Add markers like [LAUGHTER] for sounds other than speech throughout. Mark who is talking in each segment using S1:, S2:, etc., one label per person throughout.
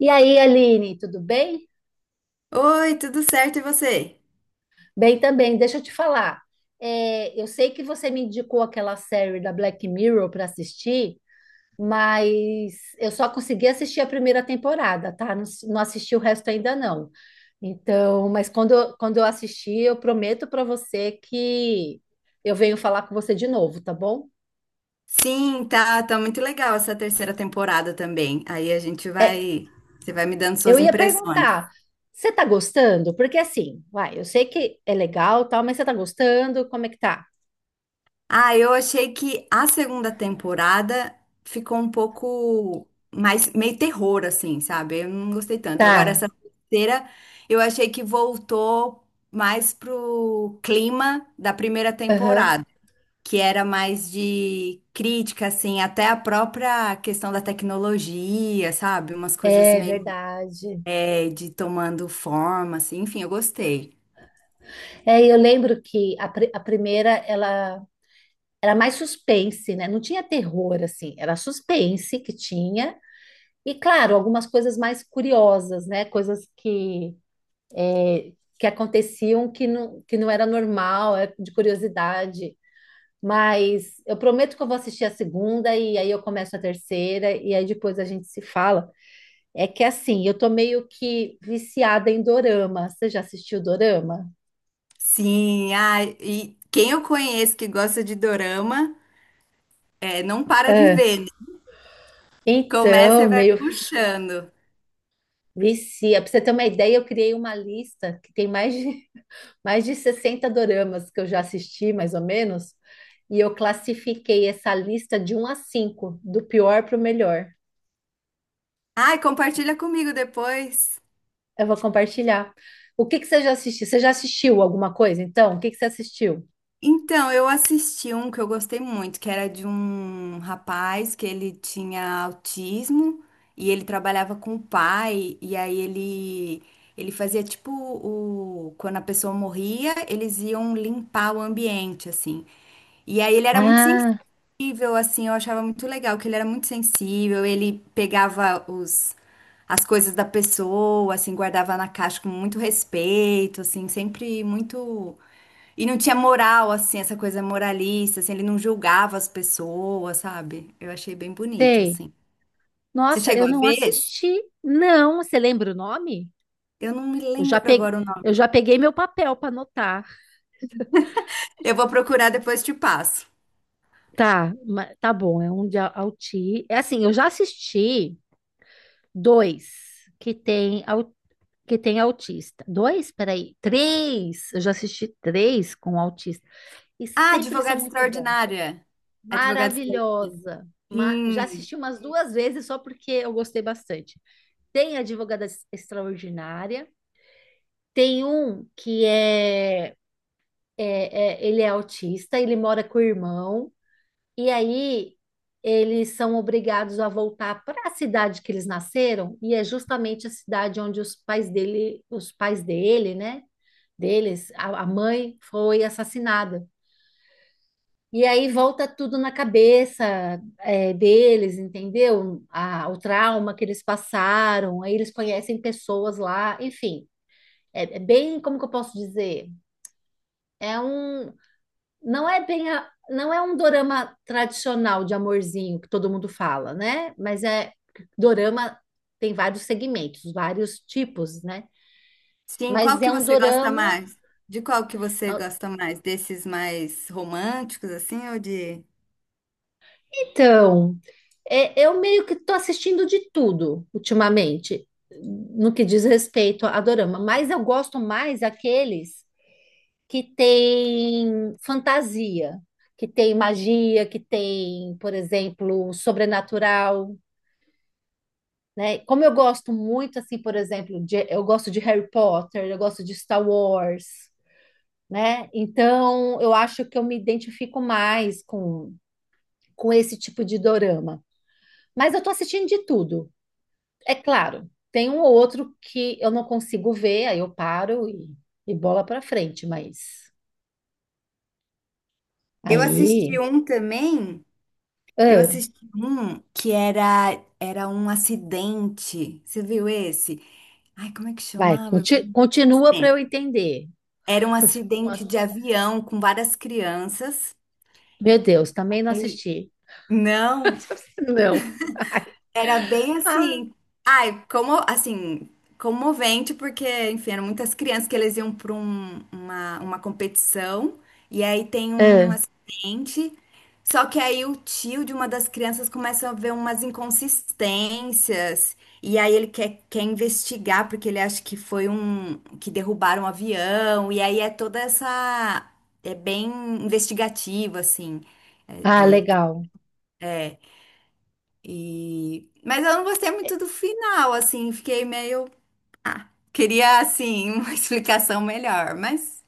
S1: E aí, Aline, tudo bem?
S2: Oi, tudo certo e você?
S1: Bem também, deixa eu te falar. É, eu sei que você me indicou aquela série da Black Mirror para assistir, mas eu só consegui assistir a primeira temporada, tá? Não, não assisti o resto ainda não. Então, mas quando, quando eu assistir, eu prometo para você que eu venho falar com você de novo, tá bom?
S2: Sim, tá, muito legal essa terceira temporada também. Aí a gente
S1: É,
S2: vai, você vai me dando
S1: eu
S2: suas
S1: ia
S2: impressões.
S1: perguntar, você tá gostando? Porque assim, vai, eu sei que é legal, tal, mas você tá gostando? Como é que tá?
S2: Ah, eu achei que a segunda temporada ficou um pouco mais meio terror assim, sabe? Eu não gostei tanto. Agora
S1: Tá.
S2: essa terceira, eu achei que voltou mais pro clima da primeira
S1: Aham.
S2: temporada, que era mais de crítica, assim, até a própria questão da tecnologia, sabe? Umas coisas
S1: É
S2: meio
S1: verdade.
S2: de tomando forma, assim, enfim, eu gostei.
S1: É, eu lembro que a primeira ela era mais suspense, né? Não tinha terror assim, era suspense que tinha e claro, algumas coisas mais curiosas, né? Coisas é, que aconteciam que não era normal, é de curiosidade. Mas eu prometo que eu vou assistir a segunda e aí eu começo a terceira e aí depois a gente se fala. É que assim, eu tô meio que viciada em dorama. Você já assistiu dorama?
S2: Sim, ah, e quem eu conheço que gosta de dorama, não para de ver, né? Começa
S1: Então,
S2: e vai
S1: meio
S2: puxando.
S1: vicia. Pra você ter uma ideia, eu criei uma lista que tem mais de, [LAUGHS] mais de 60 doramas que eu já assisti, mais ou menos, e eu classifiquei essa lista de um a 5, do pior para o melhor.
S2: Ai, compartilha comigo depois.
S1: Eu vou compartilhar. O que que você já assistiu? Você já assistiu alguma coisa? Então, o que que você assistiu?
S2: Então, eu assisti um que eu gostei muito, que era de um rapaz que ele tinha autismo e ele trabalhava com o pai, e aí ele fazia tipo o quando a pessoa morria, eles iam limpar o ambiente assim. E aí ele era muito
S1: Ah,
S2: sensível assim, eu achava muito legal que ele era muito sensível, ele pegava os as coisas da pessoa, assim, guardava na caixa com muito respeito, assim, sempre muito, e não tinha moral, assim, essa coisa moralista, assim, ele não julgava as pessoas, sabe? Eu achei bem bonito,
S1: sei.
S2: assim. Você
S1: Nossa, eu
S2: chegou a
S1: não
S2: ver esse?
S1: assisti. Não, você lembra o nome?
S2: Eu não me
S1: Eu já
S2: lembro
S1: peguei,
S2: agora o
S1: eu
S2: nome.
S1: já peguei meu papel para anotar.
S2: Eu vou procurar depois te passo.
S1: Tá, tá bom, é um de auti... É assim, eu já assisti dois que tem, que tem autista. Dois? Peraí, três! Eu já assisti três com autista. E
S2: Ah,
S1: sempre são
S2: Advogada
S1: muito bons.
S2: Extraordinária. Advogada Extraordinária.
S1: Maravilhosa! Já
S2: Sim,
S1: assisti umas duas vezes só porque eu gostei bastante. Tem Advogada Extraordinária, tem um que ele é autista, ele mora com o irmão. E aí eles são obrigados a voltar para a cidade que eles nasceram, e é justamente a cidade onde os pais dele, né? Deles, a mãe foi assassinada. E aí volta tudo na cabeça deles, entendeu? O trauma que eles passaram, aí eles conhecem pessoas lá, enfim. É, é bem, como que eu posso dizer? é um não é bem não é um dorama tradicional de amorzinho que todo mundo fala, né? Mas é dorama, tem vários segmentos, vários tipos, né?
S2: sim. Qual
S1: Mas é
S2: que
S1: um
S2: você gosta
S1: dorama.
S2: mais? De qual que
S1: é
S2: você
S1: um,
S2: gosta mais? Desses mais românticos, assim, ou de...
S1: Então, é, eu meio que tô assistindo de tudo ultimamente, no que diz respeito a dorama, mas eu gosto mais aqueles que tem fantasia, que tem magia, que tem, por exemplo, sobrenatural, né? Como eu gosto muito, assim, por exemplo, eu gosto de Harry Potter, eu gosto de Star Wars, né? Então, eu acho que eu me identifico mais com esse tipo de dorama. Mas eu tô assistindo de tudo, é claro. Tem um ou outro que eu não consigo ver, aí eu paro e bola pra frente, mas
S2: Eu assisti
S1: aí,
S2: um também. Eu
S1: ah,
S2: assisti um que era um acidente. Você viu esse? Ai, como é que
S1: vai,
S2: chamava?
S1: continua para
S2: Sim.
S1: eu entender.
S2: Era um acidente de avião com várias crianças.
S1: [LAUGHS] Meu Deus, também não
S2: E
S1: assisti.
S2: não,
S1: [LAUGHS] Não.
S2: era bem
S1: [LAUGHS] Ah,
S2: assim. Ai, como assim, comovente, porque, enfim, eram muitas crianças que eles iam para uma competição. E aí tem um.
S1: ah.
S2: Gente, só que aí o tio de uma das crianças começa a ver umas inconsistências. E aí ele quer investigar, porque ele acha que foi um, que derrubaram um avião. E aí é toda essa. É bem investigativo, assim.
S1: Ah, legal.
S2: E... mas eu não gostei muito do final, assim. Fiquei meio. Queria, assim, [LAUGHS] uma explicação melhor. Mas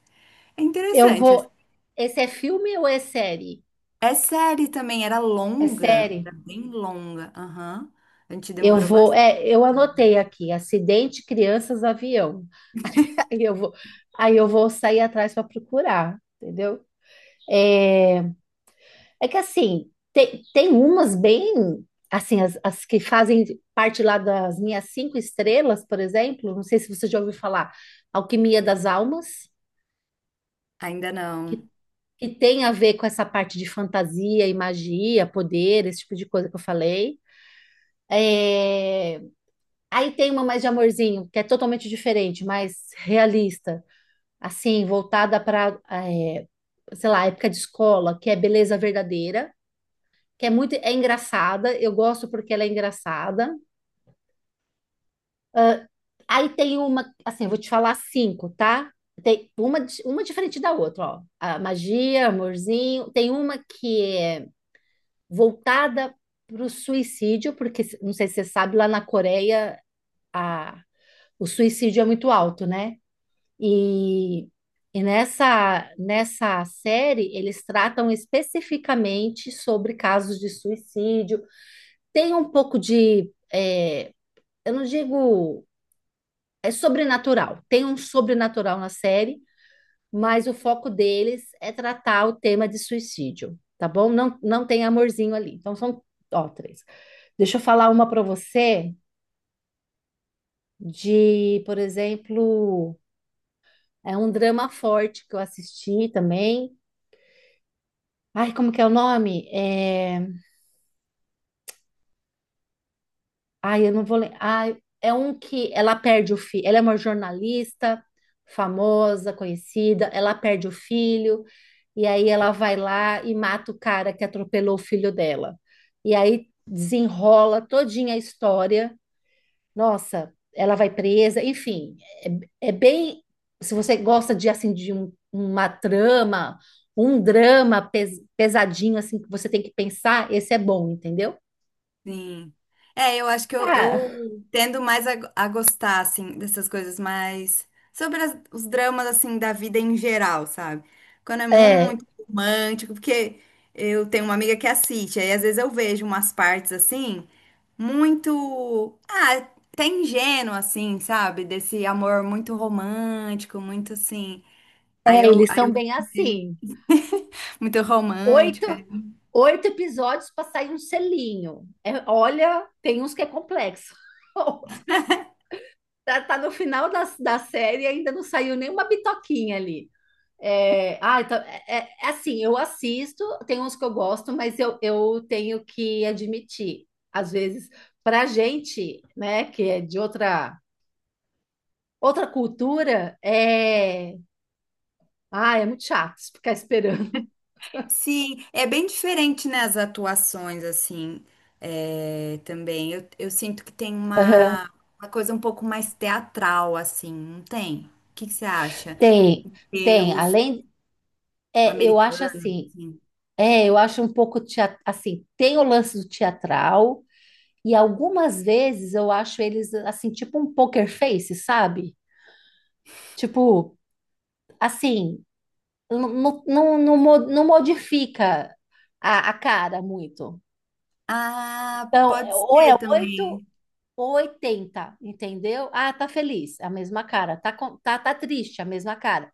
S2: é
S1: Eu
S2: interessante, assim.
S1: vou. Esse é filme ou é série?
S2: É série também, era
S1: É
S2: longa.
S1: série.
S2: Era bem longa. Aham. A gente
S1: Eu
S2: demorou
S1: vou.
S2: bastante.
S1: É, eu anotei aqui: acidente, crianças, avião. [LAUGHS] Aí eu vou. Aí eu vou sair atrás para procurar, entendeu? É, é que assim tem umas bem assim as que fazem parte lá das minhas cinco estrelas, por exemplo. Não sei se você já ouviu falar. Alquimia das Almas,
S2: Ainda
S1: que
S2: não.
S1: que tem a ver com essa parte de fantasia e magia, poder, esse tipo de coisa que eu falei. É, aí tem uma mais de amorzinho, que é totalmente diferente, mais realista, assim, voltada para, sei lá, época de escola, que é beleza verdadeira, que é muito, é engraçada, eu gosto porque ela é engraçada. Aí tem uma, assim, eu vou te falar cinco, tá? Tem uma, uma diferente da outra, ó. A magia, amorzinho. Tem uma que é voltada para o suicídio, porque não sei se você sabe, lá na Coreia o suicídio é muito alto, né? E, e nessa série eles tratam especificamente sobre casos de suicídio. Tem um pouco de, eu não digo, é sobrenatural, tem um sobrenatural na série, mas o foco deles é tratar o tema de suicídio, tá bom? Não, não tem amorzinho ali. Então são, ó, três. Deixa eu falar uma para você de, por exemplo, é um drama forte que eu assisti também. Ai, como que é o nome? É... Ai, eu não vou lembrar. Ai, é um que ela perde o filho. Ela é uma jornalista famosa, conhecida. Ela perde o filho. E aí ela vai lá e mata o cara que atropelou o filho dela. E aí desenrola todinha a história. Nossa, ela vai presa. Enfim, é, é bem. Se você gosta de assim de uma trama, um drama pesadinho assim que você tem que pensar, esse é bom, entendeu?
S2: Sim. É, eu acho que eu,
S1: Ah,
S2: eu tendo mais a gostar, assim, dessas coisas mais... Sobre os dramas, assim, da vida em geral, sabe? Quando é
S1: é,
S2: muito romântico, porque eu tenho uma amiga que assiste, aí às vezes eu vejo umas partes, assim, muito... Ah, até ingênua, assim, sabe? Desse amor muito romântico, muito, assim... Aí
S1: é,
S2: eu,
S1: eles
S2: aí
S1: são
S2: eu...
S1: bem
S2: fico meio-
S1: assim.
S2: [LAUGHS] Muito
S1: Oito,
S2: romântico.
S1: oito episódios para sair um selinho. É, olha, tem uns que é complexo. [LAUGHS] Tá, tá no final da série e ainda não saiu nenhuma bitoquinha ali. É, ah, então, é, é assim, eu assisto, tem uns que eu gosto, mas eu tenho que admitir, às vezes, pra gente, né, que é de outra, outra cultura, é, ah, é muito chato ficar esperando.
S2: Sim, é bem diferente, né, as atuações, assim, é, também. Eu sinto que tem
S1: Aham.
S2: uma coisa um pouco mais teatral, assim, não tem? O que que você acha?
S1: Tem,
S2: E
S1: tem. Além, é, eu acho
S2: americanos,
S1: assim,
S2: assim.
S1: é, eu acho um pouco assim, tem o lance do teatral e algumas vezes eu acho eles assim, tipo um poker face, sabe? Tipo, assim, não, não, não, não modifica a cara muito.
S2: Ah,
S1: Então,
S2: pode
S1: ou
S2: ser
S1: é 8
S2: também.
S1: ou 80, entendeu? Ah, tá feliz, a mesma cara. Tá, tá triste, a mesma cara.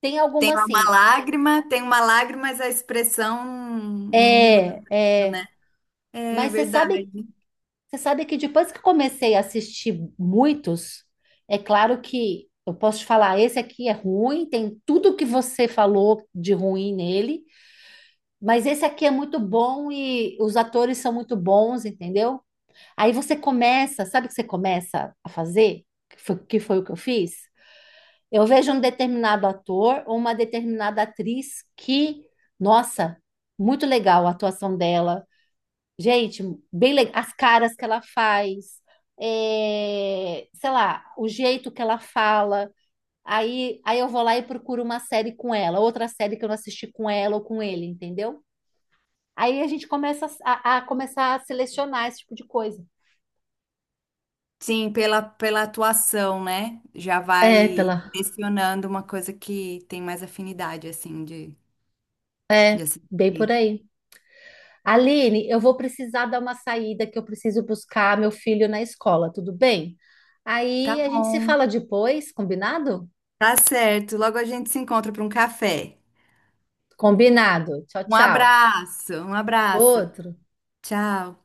S1: Tem
S2: Tem
S1: alguma
S2: lá uma
S1: assim,
S2: lágrima, tem uma lágrima, mas a expressão não muda
S1: é,
S2: tanto,
S1: é,
S2: né? É
S1: mas você sabe
S2: verdade.
S1: Você sabe que depois que comecei a assistir muitos, é claro que eu posso te falar, esse aqui é ruim, tem tudo que você falou de ruim nele, mas esse aqui é muito bom e os atores são muito bons, entendeu? Aí você começa, sabe o que você começa a fazer? Que foi o que eu fiz? Eu vejo um determinado ator ou uma determinada atriz que, nossa, muito legal a atuação dela. Gente, bem legal. As caras que ela faz, é, sei lá, o jeito que ela fala. Aí eu vou lá e procuro uma série com ela, outra série que eu não assisti com ela ou com ele, entendeu? Aí a gente começa a começar a selecionar esse tipo de coisa.
S2: Sim, pela, pela atuação, né? Já
S1: É,
S2: vai
S1: pela.
S2: direcionando uma coisa que tem mais afinidade, assim, de.
S1: É,
S2: De
S1: bem por
S2: assistir.
S1: aí. Aline, eu vou precisar dar uma saída que eu preciso buscar meu filho na escola, tudo bem?
S2: Tá
S1: Aí a gente se
S2: bom,
S1: fala depois, combinado?
S2: tá certo. Logo a gente se encontra para um café.
S1: Combinado. Tchau,
S2: Um
S1: tchau.
S2: abraço, um abraço.
S1: Outro.
S2: Tchau.